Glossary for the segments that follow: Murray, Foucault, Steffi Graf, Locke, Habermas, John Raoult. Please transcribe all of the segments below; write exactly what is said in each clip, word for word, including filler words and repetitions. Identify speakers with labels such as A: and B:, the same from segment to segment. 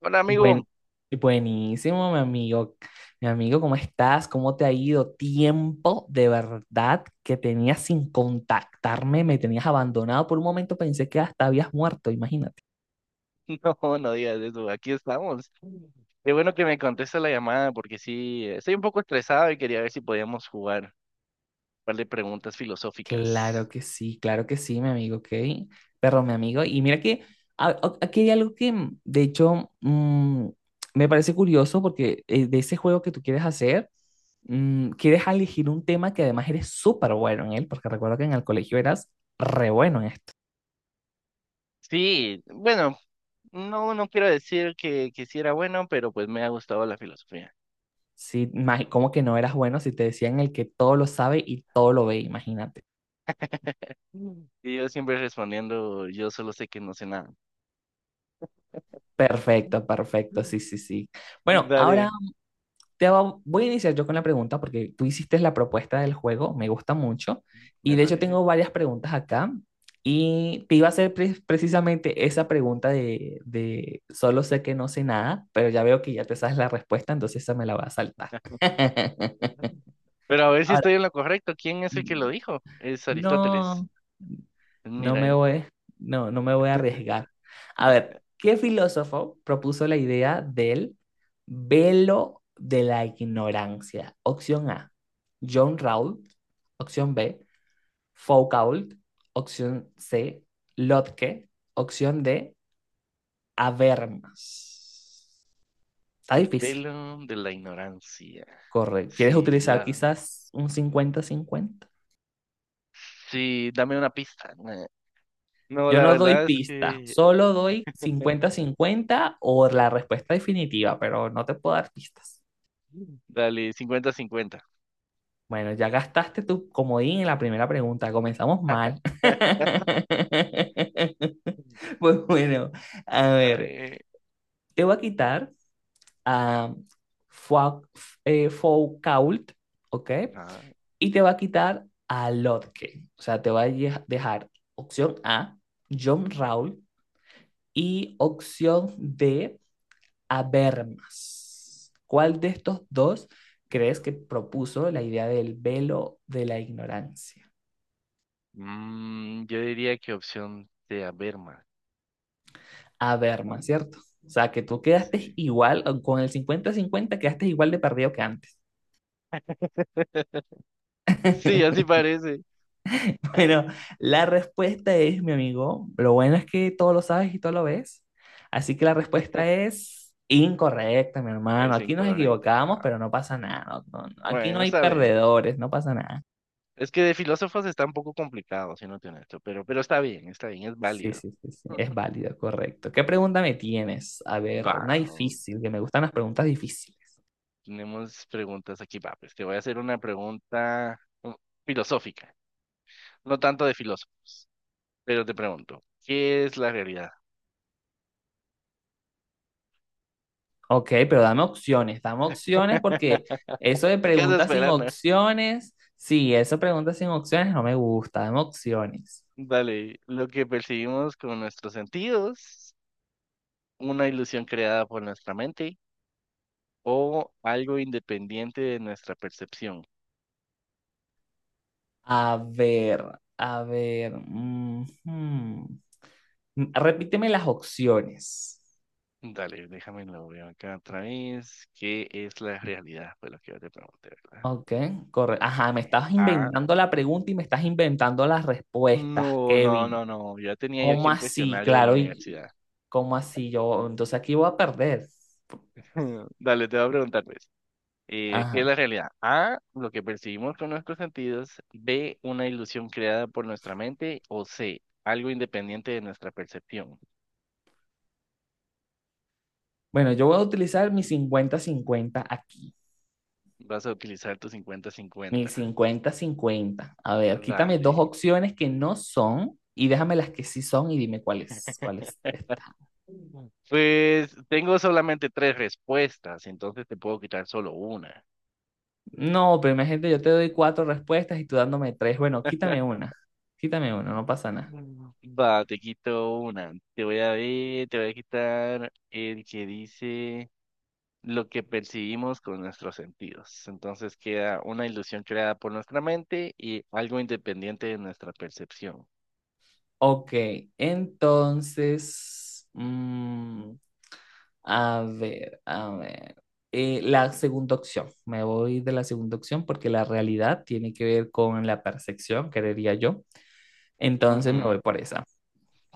A: Hola
B: Buen,
A: amigo.
B: buenísimo, mi amigo. Mi amigo, ¿cómo estás? ¿Cómo te ha ido? Tiempo de verdad que tenías sin contactarme, me tenías abandonado. Por un momento pensé que hasta habías muerto, imagínate.
A: No, no digas eso, aquí estamos. Qué bueno que me contesta la llamada porque sí, eh, estoy un poco estresado y quería ver si podíamos jugar un par de preguntas filosóficas.
B: Claro que sí, claro que sí, mi amigo, ok. Pero mi amigo, y mira que a- a- aquí hay algo que, mm, de hecho, mm, me parece curioso porque eh, de ese juego que tú quieres hacer, mm, quieres elegir un tema que además eres súper bueno en él, porque recuerdo que en el colegio eras re bueno en esto.
A: Sí, bueno, no, no quiero decir que, que sí era bueno, pero pues me ha gustado la filosofía.
B: Sí, ma- ¿cómo que no eras bueno si te decían el que todo lo sabe y todo lo ve? Imagínate.
A: Mm. Y yo siempre respondiendo, yo solo sé que no sé nada.
B: Perfecto, perfecto,
A: Mm.
B: sí, sí, sí. Bueno, ahora
A: Dale,
B: te va- voy a iniciar yo con la pregunta porque tú hiciste la propuesta del juego, me gusta mucho. Y
A: me
B: de hecho
A: parece.
B: tengo varias preguntas acá y te iba a hacer pre- precisamente esa pregunta de, de solo sé que no sé nada, pero ya veo que ya te sabes la respuesta, entonces esa me la va a saltar.
A: Mm. Pero a ver si
B: Ahora,
A: estoy en lo correcto. ¿Quién es el que lo
B: mm,
A: dijo? Es Aristóteles.
B: no. No
A: Mira,
B: me
A: ahí.
B: voy, no, no me voy a arriesgar. A ver, ¿qué filósofo propuso la idea del velo de la ignorancia? Opción A, John Raoult. Opción B, Foucault. Opción C, Locke. Opción D, Habermas. Está
A: El
B: difícil.
A: velo de la ignorancia.
B: Correcto. ¿Quieres
A: Sí,
B: utilizar
A: la...
B: quizás un cincuenta-cincuenta?
A: Sí, dame una pista. Eh, No,
B: Yo
A: la
B: no doy
A: verdad es
B: pista,
A: que...
B: solo doy cincuenta-cincuenta o la respuesta definitiva, pero no te puedo dar pistas.
A: Dale, cincuenta cincuenta.
B: Bueno, ya gastaste tu comodín en la primera pregunta, comenzamos mal. Pues bueno, a
A: A
B: ver,
A: ver,
B: te voy a quitar a Fua- eh, Foucault, ¿ok?
A: ajá.
B: Y te va a quitar a Lotke, o sea, te va a ye- dejar opción A, John Rawl, y opción D. Habermas. ¿Cuál de estos dos crees que propuso la idea del velo de la ignorancia?
A: Mm, yo diría que opción de Averma.
B: Habermas, ¿cierto? O sea, que tú quedaste
A: Sí.
B: igual, con el cincuenta-cincuenta, quedaste igual de perdido que antes.
A: Sí, así parece.
B: Bueno, la respuesta es, mi amigo, lo bueno es que todo lo sabes y todo lo ves. Así que la respuesta es incorrecta, mi hermano.
A: Es
B: Aquí nos equivocamos,
A: incorrecta.
B: pero no pasa nada. No- no- aquí no
A: Bueno,
B: hay
A: está bien.
B: perdedores, no pasa nada.
A: Es que de filósofos está un poco complicado, si no te honesto, pero, pero está bien, está bien, es
B: Sí,
A: válido.
B: sí, sí, sí, es válido, correcto. ¿Qué pregunta me tienes? A
A: Va,
B: ver, una difícil, que me gustan las preguntas difíciles.
A: tenemos preguntas aquí, va, pues te voy a hacer una pregunta mm, filosófica, no tanto de filósofos, pero te pregunto, ¿qué es la realidad?
B: Ok, pero dame opciones, dame opciones porque eso de
A: ¿Qué andas
B: preguntas sin
A: esperando?
B: opciones, sí, eso de preguntas sin opciones no me gusta, dame opciones.
A: Dale, lo que percibimos con nuestros sentidos, una ilusión creada por nuestra mente o algo independiente de nuestra percepción.
B: A ver, a ver, ujú. Repíteme las opciones.
A: Dale, déjame lo veo acá otra vez. ¿Qué es la realidad? Fue lo que yo te pregunté, ¿verdad?
B: Ok, correcto. Ajá, me
A: Eh,
B: estás
A: A.
B: inventando la pregunta y me estás inventando las respuestas,
A: No, no,
B: Kevin.
A: no, no. Yo tenía yo aquí
B: ¿Cómo
A: un
B: así?
A: cuestionario de la
B: Claro, y
A: universidad.
B: ¿cómo así? Yo, entonces aquí voy a perder.
A: Dale, te voy a preguntar, pues. Eh, ¿qué es
B: Ajá.
A: la realidad? A, lo que percibimos con nuestros sentidos. B, una ilusión creada por nuestra mente. O C, algo independiente de nuestra percepción.
B: Bueno, yo voy a utilizar mi cincuenta cincuenta aquí.
A: Vas a utilizar tu cincuenta
B: Mi
A: cincuenta
B: cincuenta cincuenta. A ver, quítame
A: Dale.
B: dos opciones que no son y déjame las que sí son y dime cuáles, cuáles están.
A: Mm. Pues tengo solamente tres respuestas, entonces te puedo quitar solo una.
B: No, pero imagínate, yo te doy cuatro respuestas y tú dándome tres. Bueno, quítame una. Quítame una, no pasa nada.
A: Mm. Va, te quito una. Te voy a ver, te voy a quitar el que dice lo que percibimos con nuestros sentidos. Entonces queda una ilusión creada por nuestra mente y algo independiente de nuestra percepción.
B: Ok, entonces, mm, a ver, a ver. Eh, la segunda opción. Me voy de la segunda opción porque la realidad tiene que ver con la percepción, creería yo. Entonces me
A: Ujú.
B: voy por esa.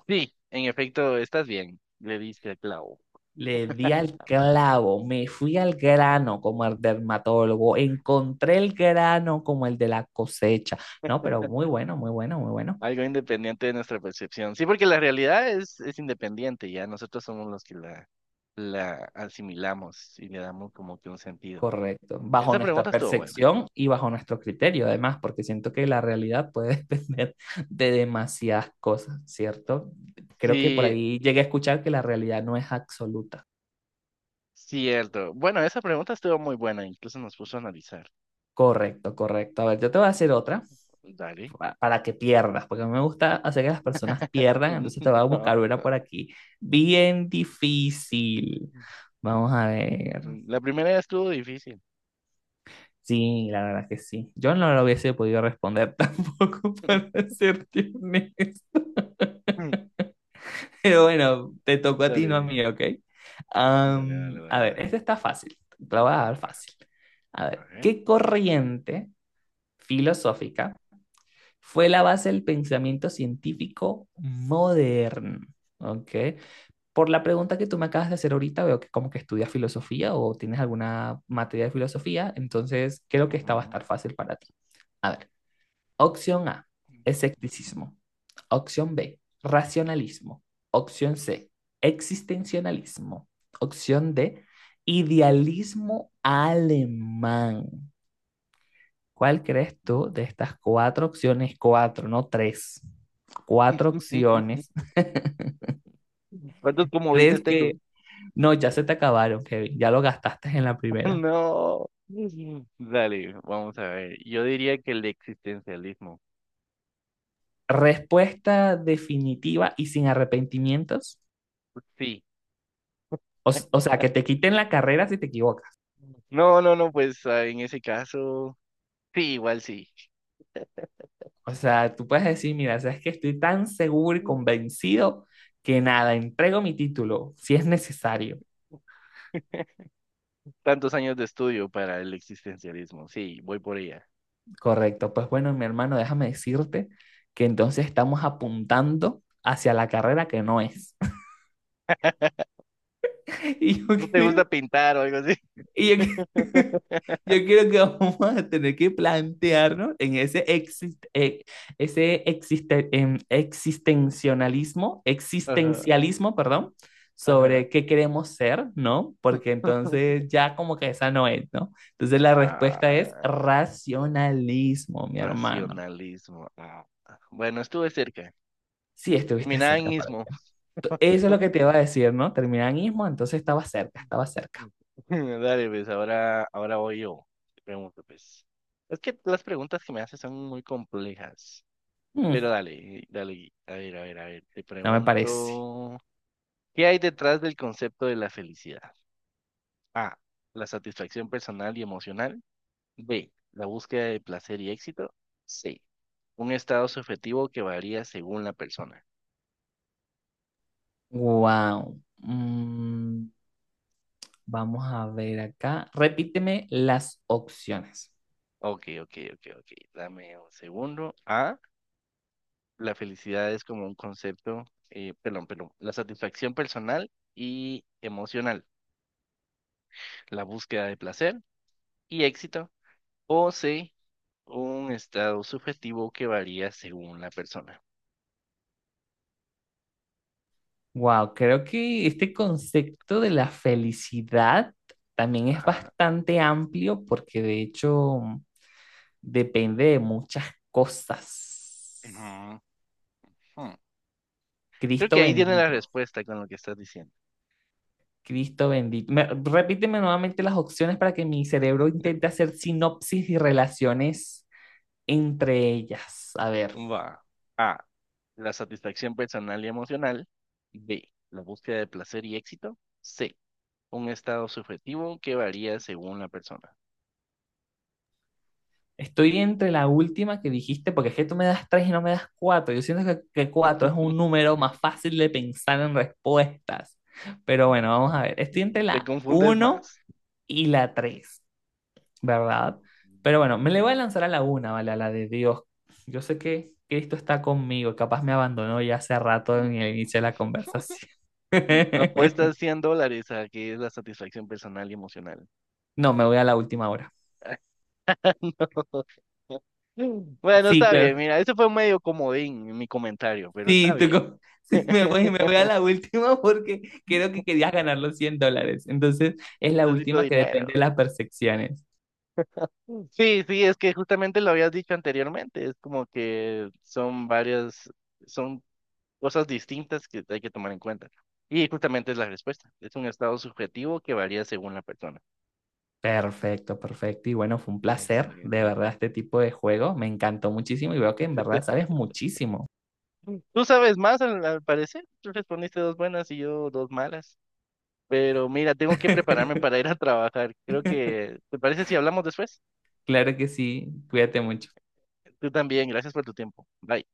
A: Sí, en efecto, estás bien, le diste al clavo.
B: Le di al clavo, me fui al grano como el dermatólogo, encontré el grano como el de la cosecha. No, pero muy bueno, muy bueno, muy bueno.
A: Algo independiente de nuestra percepción. Sí, porque la realidad es, es independiente, ya nosotros somos los que la, la asimilamos y le damos como que un sentido.
B: Correcto, bajo
A: Esa
B: nuestra
A: pregunta estuvo buena.
B: percepción y bajo nuestro criterio, además, porque siento que la realidad puede depender de demasiadas cosas, ¿cierto? Creo que por
A: Sí,
B: ahí llegué a escuchar que la realidad no es absoluta.
A: cierto. Bueno, esa pregunta estuvo muy buena, incluso nos puso a analizar.
B: Correcto, correcto. A ver, yo te voy a hacer otra
A: Dale.
B: pa- para que pierdas, porque a mí me gusta hacer que las personas pierdan, entonces te voy a
A: No.
B: buscar una por aquí. Bien difícil. Vamos a ver.
A: Mm, la primera ya estuvo difícil.
B: Sí, la verdad que sí. Yo no lo hubiese podido responder tampoco, para serte honesto.
A: Mm.
B: Pero bueno, te tocó a ti, no a
A: Dale,
B: mí, ¿ok?
A: dale, dale,
B: Am, a
A: dale,
B: ver, este
A: dale.
B: está fácil, te lo voy a dar fácil. A
A: A
B: ver,
A: ver.
B: ¿qué corriente filosófica fue la base del pensamiento científico moderno? ¿Ok? Por la pregunta que tú me acabas de hacer ahorita, veo que como que estudias filosofía o tienes alguna materia de filosofía, entonces creo que esta va a
A: Ujú.
B: estar fácil para ti. A ver, opción A, escepticismo. Opción B, racionalismo. Opción C, existencialismo. Opción D, idealismo alemán. ¿Cuál crees tú de estas cuatro opciones? Cuatro, no tres. Cuatro
A: Ujú.
B: opciones.
A: ¿Cuántos comodines
B: ¿Crees que...
A: tengo?
B: No, ya se te acabaron, Kevin. Ya lo gastaste en la primera.
A: No. Dale, vamos a ver. Yo diría que el existencialismo.
B: Respuesta definitiva y sin arrepentimientos.
A: Sí.
B: O, o sea, que te quiten la carrera si te equivocas.
A: No, no, no, pues ah, en ese caso, sí, igual sí.
B: O sea, tú puedes decir, mira, sabes que estoy tan seguro y convencido que nada, entrego mi título si es necesario.
A: Tantos años de estudio para el existencialismo. Sí, voy por ella.
B: Correcto. Pues bueno, mi hermano, déjame decirte que entonces estamos apuntando hacia la carrera que no es. Y yo
A: ¿No te
B: quedé...
A: gusta pintar o algo así?
B: Y yo, que- yo creo que vamos a tener que plantearnos en ese, exist- eh, ese existe- em, existencialismo,
A: Ajá,
B: existencialismo, perdón,
A: ajá.
B: sobre qué queremos ser, ¿no? Porque entonces ya como que esa no es, ¿no? Entonces la respuesta es
A: Ah,
B: racionalismo, mi hermano.
A: racionalismo. Ah, bueno, estuve cerca.
B: Sí, estuviste
A: Terminaba
B: cerca
A: en
B: para
A: ismo.
B: ti. Eso es lo que te iba a decir, ¿no? Terminanismo, entonces estaba cerca, estaba cerca.
A: Dale, pues ahora, ahora voy yo. Te pregunto, pues. Es que las preguntas que me haces son muy complejas. Pero
B: Mm,
A: dale, dale. A ver, a ver, a ver. Te
B: no me parece.
A: pregunto, ¿qué hay detrás del concepto de la felicidad? A, la satisfacción personal y emocional. B, la búsqueda de placer y éxito. C, un estado subjetivo que varía según la persona.
B: Wow. Vamos a ver acá. Repíteme las opciones.
A: Ok, ok, ok, ok. Dame un segundo. A, la felicidad es como un concepto, eh, perdón, perdón, la satisfacción personal y emocional, la búsqueda de placer y éxito. O C, un estado subjetivo que varía según la persona.
B: Wow, creo que este concepto de la felicidad también es
A: Ajá.
B: bastante amplio porque de hecho depende de muchas cosas.
A: Ujú. Hmm. Creo que
B: Cristo
A: ahí tiene la
B: bendito,
A: respuesta con lo que estás diciendo.
B: Cristo bendito. Me- repíteme nuevamente las opciones para que mi cerebro intente hacer sinopsis y relaciones entre ellas. A ver.
A: Va. A, la satisfacción personal y emocional. B, la búsqueda de placer y éxito. C, un estado subjetivo que varía según la persona.
B: Estoy entre la última que dijiste, porque es que tú me das tres y no me das cuatro. Yo siento que, que cuatro es un número más fácil de pensar en respuestas. Pero bueno, vamos a ver. Estoy entre
A: Te
B: la
A: confundes
B: uno
A: más.
B: y la tres, ¿verdad? Pero bueno, me le voy a lanzar a la una, ¿vale? A la de Dios. Yo sé que Cristo está conmigo, capaz me abandonó ya hace rato en el inicio de la conversación.
A: Apuestas cien dólares a que es la satisfacción personal y emocional.
B: No, me voy a la última hora.
A: No. Bueno,
B: Sí,
A: está bien,
B: claro.
A: mira, eso fue medio comodín en mi comentario, pero está
B: Sí, tú
A: bien.
B: co- sí, me voy, me voy a la última porque creo que querías ganar los cien dólares. Entonces, es la
A: Necesito
B: última que depende
A: dinero.
B: de las percepciones.
A: Sí, sí, es que justamente lo habías dicho anteriormente, es como que son varias, son cosas distintas que hay que tomar en cuenta. Y justamente es la respuesta. Es un estado subjetivo que varía según la persona.
B: Perfecto, perfecto. Y bueno, fue un placer, de
A: Excelente.
B: verdad, este tipo de juego. Me encantó muchísimo y veo que en verdad sabes muchísimo.
A: Tú sabes más, al, al parecer. Tú respondiste dos buenas y yo dos malas. Pero mira, tengo que prepararme para ir a trabajar. Creo que, ¿te parece si hablamos después?
B: Claro que sí, cuídate mucho.
A: Tú también. Gracias por tu tiempo. Bye.